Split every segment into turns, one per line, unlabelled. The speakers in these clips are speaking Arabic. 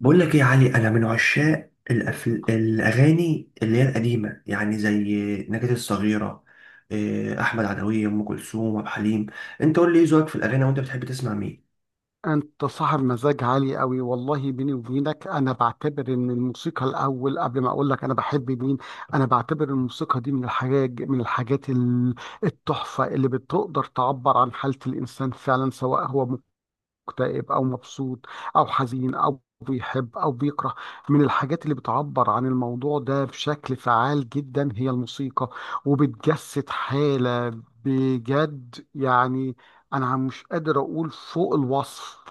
بقول لك ايه يا علي، انا من عشاق الاغاني اللي هي القديمه، يعني زي نجاة الصغيره. احمد عدويه، ام كلثوم، عبد الحليم. انت قول لي ايه ذوقك في الاغاني وانت بتحب تسمع مين؟
انت صاحب مزاج عالي قوي. والله بيني وبينك، انا بعتبر ان الموسيقى الاول قبل ما اقول لك انا بحب مين. انا بعتبر الموسيقى دي من الحاجات التحفة اللي بتقدر تعبر عن حالة الانسان فعلا، سواء هو مكتئب او مبسوط او حزين او بيحب او بيكره. من الحاجات اللي بتعبر عن الموضوع ده بشكل فعال جدا هي الموسيقى، وبتجسد حالة، بجد يعني. انا مش قادر اقول فوق الوصف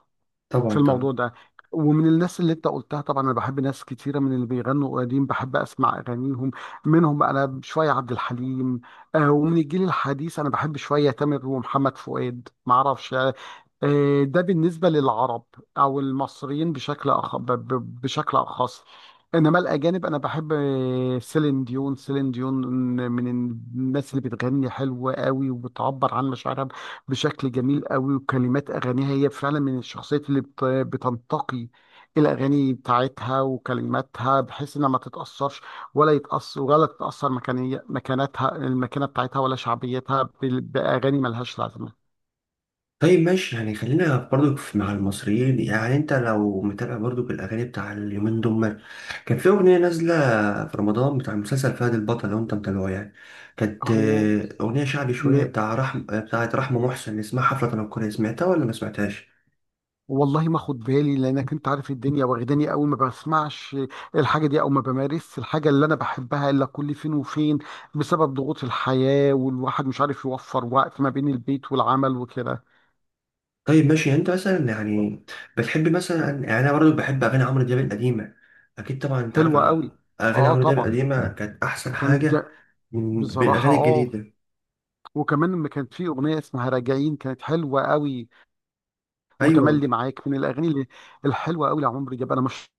طبعا،
في
طبعا.
الموضوع ده. ومن الناس اللي انت قلتها طبعا، انا بحب ناس كتيره من اللي بيغنوا قديم، بحب اسمع اغانيهم. منهم انا شويه عبد الحليم. ومن الجيل الحديث انا بحب شويه تامر ومحمد فؤاد ما اعرفش. ده بالنسبة للعرب أو المصريين، بشكل أخ... ب... ب- بشكل أخص. إنما الأجانب أنا بحب، سيلين ديون، من الناس اللي بتغني حلو قوي وبتعبر عن مشاعرها بشكل جميل قوي. وكلمات أغانيها، هي فعلا من الشخصيات اللي بتنتقي الأغاني بتاعتها وكلماتها، بحيث إنها ما تتأثرش، ولا تتأثر مكانية مكانتها المكانة بتاعتها ولا شعبيتها بأغاني ملهاش لازمة.
طيب ماشي، يعني خلينا برضو مع المصريين. يعني انت لو متابع برضو الاغاني بتاع اليومين دول، كان في اغنيه نازله في رمضان بتاع مسلسل فهد البطل لو انت متابعه، يعني كانت
هو
اغنيه شعبي شويه بتاع بتاعت رحمه محسن، اسمها حفله تنكريه، سمعتها ولا ما سمعتهاش؟
والله ما خد بالي، لانك انت عارف الدنيا واخداني قوي، ما بسمعش الحاجه دي او ما بمارسش الحاجه اللي انا بحبها الا كل فين وفين، بسبب ضغوط الحياه والواحد مش عارف يوفر وقت ما بين البيت والعمل وكده.
طيب ماشي، يعني انت مثلا، يعني بتحب مثلا، يعني انا برضه بحب اغاني عمرو دياب القديمه، اكيد طبعا انت عارف.
حلوه قوي.
اغاني
اه
عمرو دياب
طبعا.
القديمه كانت احسن
كانت
حاجه
جا...
من
بصراحه
بالاغاني
اه.
الجديده.
وكمان لما كانت في اغنيه اسمها راجعين كانت حلوه قوي،
ايوه.
وتملي معاك من الاغاني الحلوه قوي لعمرو دياب. انا مش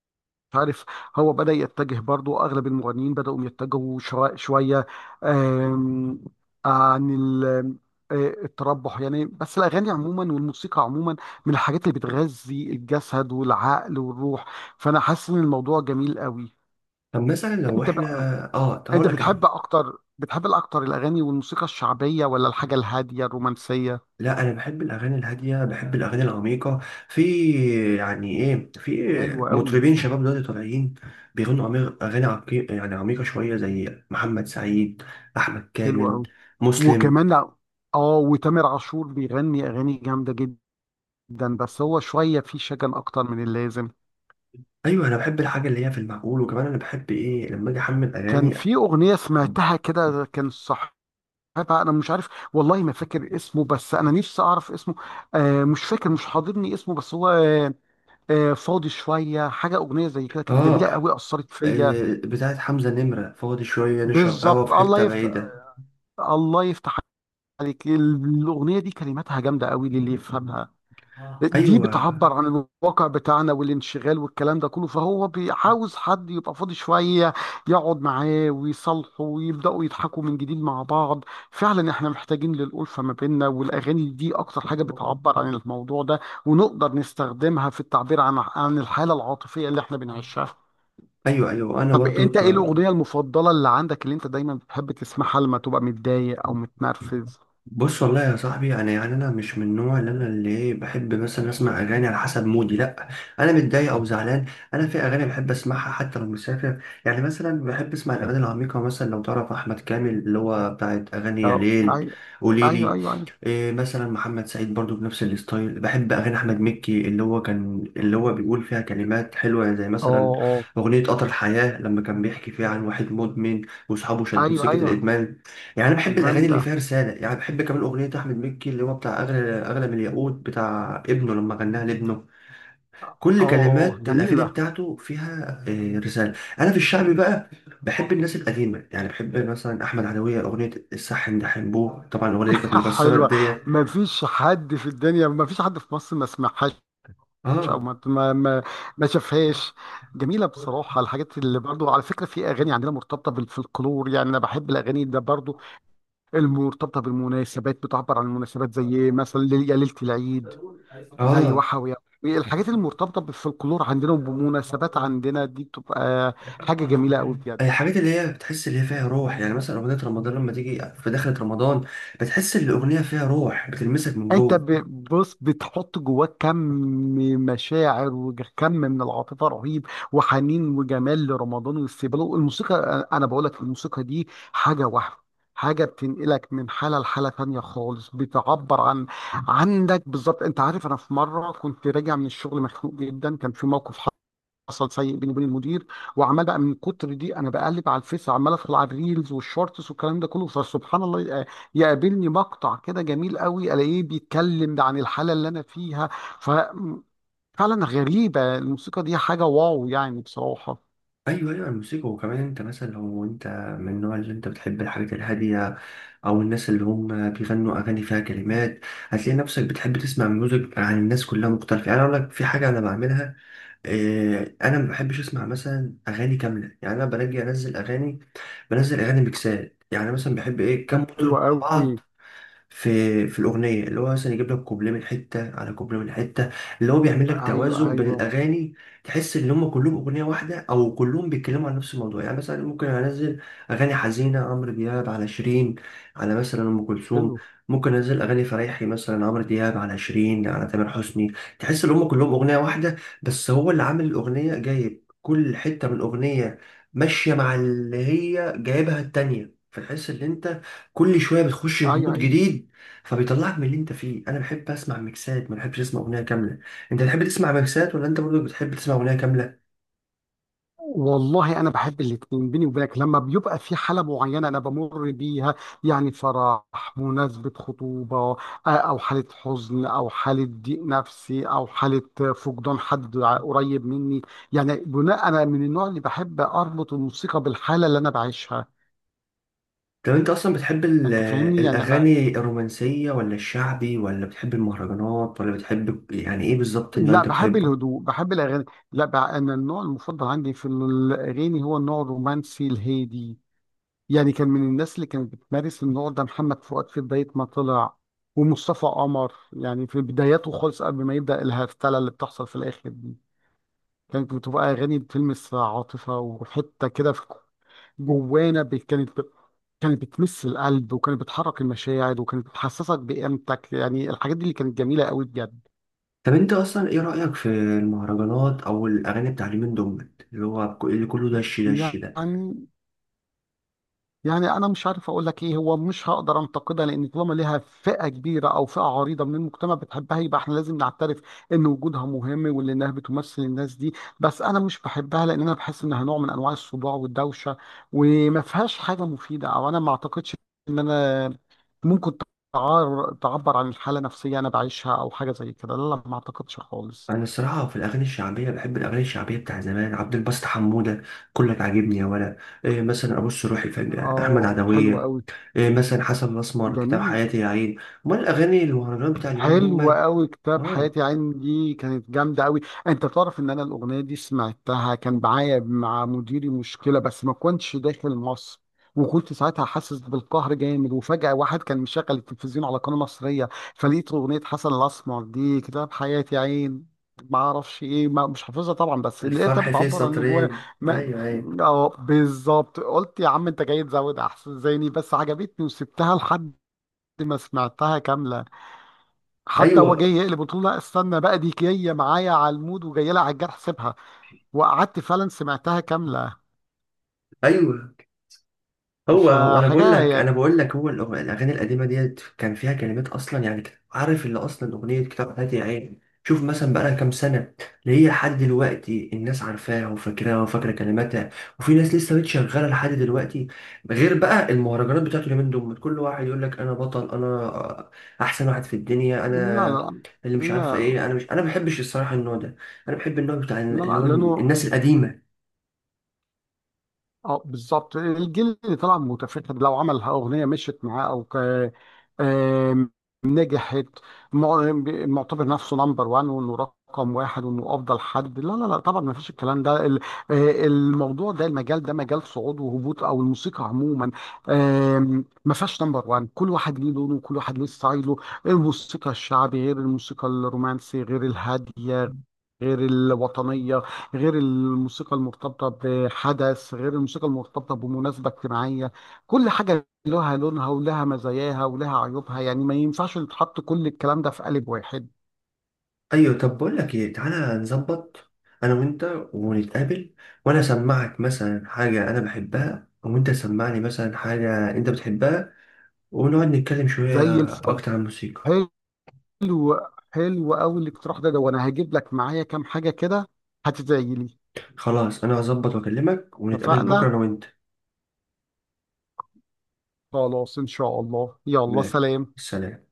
مش عارف، هو بدأ يتجه، برضو أغلب المغنيين بدأوا يتجهوا شوية، آم، عن التربح يعني. بس الأغاني عموما والموسيقى عموما من الحاجات اللي بتغذي الجسد والعقل والروح، فأنا حاسس إن الموضوع جميل قوي.
طب مثلا لو
أنت
احنا،
بقى،
اه طب
أنت
هقول لك انا،
بتحب الأكتر الأغاني والموسيقى الشعبية ولا الحاجة الهادية الرومانسية؟
لا انا بحب الاغاني الهاديه، بحب الاغاني العميقه. في يعني ايه، في
حلوة قوي.
مطربين شباب دلوقتي طالعين بيغنوا اغاني عميقه، يعني عميقه شويه، زي محمد سعيد، احمد
حلوة
كامل،
قوي.
مسلم.
وكمان اه، وتامر عاشور بيغني أغاني جامدة جدا، ده بس هو شوية فيه شجن أكتر من اللازم.
ايوه انا بحب الحاجه اللي هي في المعقول. وكمان انا بحب ايه لما اجي احمل
كان
اغاني؟
في أغنية سمعتها كده كان صاحبها، أنا مش عارف، والله ما فاكر اسمه بس أنا نفسي أعرف اسمه. مش فاكر، مش حاضرني اسمه، بس هو فاضي شوية، أغنية زي كده كانت
اه
جميلة قوي أثرت فيا.
بتاعت حمزه نمره، فاضي شويه نشرب قهوه
بالظبط،
في
الله
حته
يفتح
بعيده.
الله يفتح عليك. الأغنية دي كلماتها جامدة قوي للي يفهمها، دي
ايوه،
بتعبر عن الواقع بتاعنا والانشغال والكلام ده كله، فهو عاوز حد يبقى فاضي شوية، يقعد معاه ويصالحه ويبدأوا يضحكوا من جديد مع بعض. فعلا احنا محتاجين للألفة ما بيننا، والأغاني دي أكتر حاجة بتعبر عن الموضوع ده، ونقدر نستخدمها في التعبير عن الحالة العاطفية اللي احنا بنعيشها.
ايوه، ايوه، انا
طب
برضو.
انت ايه الأغنية المفضلة اللي عندك، اللي انت دايما بتحب تسمعها لما تبقى متضايق أو
ك-
متنرفز؟
بص، والله يا صاحبي، يعني انا مش من النوع اللي انا اللي إيه بحب مثلا اسمع اغاني على حسب مودي، لا. انا متضايق او زعلان، انا في اغاني بحب اسمعها حتى لو مسافر. يعني مثلا بحب اسمع الاغاني العميقه، مثلا لو تعرف احمد كامل اللي هو بتاعت اغاني يا
اه.
ليل،
ايوه، ايوه،
قوليلي.
ايوه، ايوه.
مثلا محمد سعيد برضو بنفس الستايل. بحب اغاني احمد مكي اللي هو كان اللي هو بيقول فيها كلمات حلوه، زي
اه،
مثلا
اه.
اغنيه قطر الحياه لما كان بيحكي فيها عن واحد مدمن واصحابه شدوه
ايوه،
سكه
ايوه.
الادمان. يعني انا بحب الاغاني اللي
جامدة.
فيها رساله. يعني بحب كمان اغنيه احمد مكي اللي هو بتاع اغلى، اغلى من الياقوت، بتاع ابنه لما غناها لابنه.
اه،
كل
اه. اه.
كلمات الاغاني
جميلة.
بتاعته فيها رساله. انا في الشعبي بقى بحب الناس القديمه، يعني بحب مثلا احمد عدويه، اغنيه الصح ان ده حنبوه. طبعا الاغنيه دي كانت مكسره
حلوة.
الدنيا.
ما فيش حد في الدنيا، ما فيش حد في مصر ما سمعهاش او
اه،
ما ما ما ما شافهاش. جميلة بصراحة. الحاجات اللي برضو، على فكرة، في اغاني عندنا مرتبطة بالفلكلور، يعني انا بحب الاغاني ده برضو، المرتبطة بالمناسبات، بتعبر عن المناسبات زي مثلا يا ليلة العيد، زي
اه.
وحوي. الحاجات المرتبطة بالفلكلور عندنا وبمناسبات عندنا دي بتبقى حاجة جميلة قوي بجد.
الحاجات اللي هي بتحس اللي هي فيها روح، يعني مثلا اغنيه رمضان لما تيجي في دخلة رمضان بتحس ان الاغنيه فيها روح بتلمسك من
انت
جوه.
بص، بتحط جواك كم مشاعر وكم من العاطفه رهيب، وحنين وجمال لرمضان واستقباله. الموسيقى، انا بقول لك، الموسيقى دي حاجه واحده. بتنقلك من حاله لحاله تانية خالص، بتعبر عن عندك بالظبط. انت عارف، انا في مره كنت راجع من الشغل مخنوق جدا، كان في موقف حصل سيء بيني وبين المدير، وعمال بقى من كتر دي انا بقلب على الفيس، عمال ادخل على الريلز والشورتس والكلام ده كله، فسبحان الله يقابلني مقطع كده جميل قوي الاقيه بيتكلم عن الحاله اللي انا فيها. ف فعلا غريبه الموسيقى دي، حاجه واو يعني بصراحه.
ايوه، ايوه. الموسيقى. وكمان انت مثلا لو انت من النوع اللي انت بتحب الحاجات الهاديه، او الناس اللي هم بيغنوا اغاني فيها كلمات، هتلاقي نفسك بتحب تسمع ميوزك عن الناس كلها مختلفه. يعني أنا اقول لك في حاجه انا بعملها، إيه؟ انا ما بحبش اسمع مثلا اغاني كامله، يعني انا باجي انزل اغاني، بنزل اغاني ميكسات. يعني مثلا بحب ايه؟ كام مطرب
حلوه
مع
قوي.
بعض في الاغنيه، اللي هو مثلا يجيب لك كوبليه من حته على كوبليه من حته، اللي هو بيعمل لك
ايوه،
توازن بين
ايوه.
الاغاني، تحس ان هم كلهم اغنيه واحده، او كلهم بيتكلموا عن نفس الموضوع. يعني مثلا ممكن انزل اغاني حزينه، عمرو دياب على شيرين على مثلا ام كلثوم.
حلو.
ممكن انزل اغاني فريحي مثلا، عمرو دياب على شيرين على تامر حسني، تحس ان هم كلهم اغنيه واحده. بس هو اللي عامل الاغنيه جايب كل حته من الاغنيه ماشيه مع اللي هي جايبها التانيه، فتحس ان انت كل شويه بتخش في
ايوه،
مود
ايوه.
جديد، فبيطلعك من اللي انت فيه. انا بحب اسمع ميكسات، ما بحبش اسمع اغنيه كامله. انت بتحب تسمع ميكسات ولا انت برضو بتحب تسمع اغنيه كامله؟
والله انا بحب الاتنين، بيني وبينك، لما بيبقى في حاله معينه انا بمر بيها، يعني فرح، مناسبه، خطوبه، او حاله حزن او حاله ضيق نفسي او حاله فقدان حد قريب مني، يعني بناء، انا من النوع اللي بحب اربط الموسيقى بالحاله اللي انا بعيشها.
طب انت اصلا بتحب
انت فاهمني يعني، انا
الاغاني الرومانسيه ولا الشعبي، ولا بتحب المهرجانات، ولا بتحب، يعني ايه بالظبط اللي
لا،
انت
بحب
بتحبه؟
الهدوء، بحب الاغاني. لا بقى، انا النوع المفضل عندي في الاغاني هو النوع الرومانسي الهادي، يعني كان من الناس اللي كانت بتمارس النوع ده محمد فؤاد في بداية ما طلع، ومصطفى قمر يعني في بداياته خالص قبل ما يبدأ الهفتلة اللي بتحصل في الآخر دي، كانت بتبقى أغاني بتلمس عاطفة وحتة كده في جوانا، كانت بتمس القلب وكانت بتحرك المشاعر وكانت بتحسسك بقيمتك، يعني الحاجات دي اللي كانت جميلة قوي بجد.
طب انت اصلا ايه رايك في المهرجانات او الاغاني بتاع اليومين دول اللي هو اللي كله دش دش ده؟
يعني يعني انا مش عارف اقول لك ايه، هو مش هقدر انتقدها لان طالما ليها فئه كبيره او فئه عريضه من المجتمع بتحبها يبقى احنا لازم نعترف ان وجودها مهم وان انها بتمثل الناس دي، بس انا مش بحبها لان انا بحس انها نوع من انواع الصداع والدوشه، وما فيهاش حاجه مفيده، او انا ما اعتقدش ان انا ممكن تعبر عن الحاله النفسيه انا بعيشها او حاجه زي كده. لا لا ما اعتقدش خالص.
انا الصراحه في الاغاني الشعبيه بحب الاغاني الشعبيه بتاع زمان، عبد الباسط حموده كلك عاجبني يا ولا، مثلا ابص روحي في احمد
اه، حلو
عدويه،
قوي.
مثلا حسن الاسمر كتاب
جميل.
حياتي يا عين. امال الاغاني المهرجانات بتاع اليومين دول
حلو
مال؟
قوي. كتاب
اه.
حياتي عين دي كانت جامده قوي. انت تعرف ان انا الاغنيه دي سمعتها كان معايا مع مديري مشكله بس ما كنتش داخل مصر، وكنت ساعتها حاسس بالقهر جامد، وفجأة واحد كان مشغل التلفزيون على قناة مصرية، فلقيت أغنية حسن الأسمر دي كتاب حياتي يا عين، ما اعرفش ايه، ما مش حافظها طبعا بس لقيتها
الفرح فيه
بتعبر عن اللي جوايا.
سطرين.
ما-
ايوه، ايوه،
اه بالظبط، قلت يا عم انت جاي تزود، احسن زيني، بس عجبتني وسبتها لحد ما سمعتها كاملة. حتى هو جاي
ايوه،
يقلب، قلت له لا استنى بقى، دي جايه معايا على المود وجايه لها على الجرح، سيبها. وقعدت فعلا سمعتها كامله.
ايوه. هو انا بقول
فحاجه
لك انا
يعني.
بقول لك الاغاني القديمه ديت كان فيها كلمات اصلا، يعني عارف اللي اصلا اغنيه كتاب حياتي يا عين شوف مثلا بقى لها كام سنه؟ اللي هي لحد دلوقتي الناس عارفاها وفاكراها وفاكره كلماتها، وفي ناس لسه بتشغلها لحد دلوقتي. غير بقى المهرجانات بتاعته اليومين دول، كل واحد يقول لك انا بطل، انا احسن واحد في الدنيا،
لا،
انا
لا،
اللي
لا،
مش عارفه
لا،
ايه. انا مش، انا ما بحبش الصراحه النوع ده، انا بحب النوع بتاع
لا،
اللي
لا
هو
لانه
الناس القديمه.
اه بالظبط، الجيل اللي طلع متفتت، لو عمل اغنيه مشيت معاه او ك... آم، نجحت، مع- معتبر نفسه نمبر وان وانه رقم واحد وانه افضل حد، لا لا لا طبعا، ما فيش الكلام ده الموضوع ده المجال ده مجال صعود وهبوط، او الموسيقى عموما ما فيهاش نمبر وان، كل واحد ليه لونه وكل واحد ليه ستايله. الموسيقى الشعبي غير الموسيقى الرومانسي غير الهاديه غير الوطنيه غير الموسيقى المرتبطة بحدث غير الموسيقى المرتبطة بمناسبة اجتماعية، كل حاجة لها لونها ولها مزاياها ولها عيوبها، يعني ما ينفعش يتحط كل الكلام ده في قالب واحد.
ايوه. طب بقول لك ايه، تعالى نظبط انا وانت ونتقابل، وانا اسمعك مثلا حاجه انا بحبها وانت تسمعني مثلا حاجه انت بتحبها، ونقعد نتكلم
زي
شويه
الفل.
اكتر عن الموسيقى.
حلو. حلو قوي الاقتراح ده، وانا هجيب لك معايا كام حاجة كده، هتدعي لي.
خلاص انا هظبط واكلمك ونتقابل بكره
اتفقنا.
انا وانت.
خلاص ان شاء الله، يلا
ماشي.
سلام.
سلام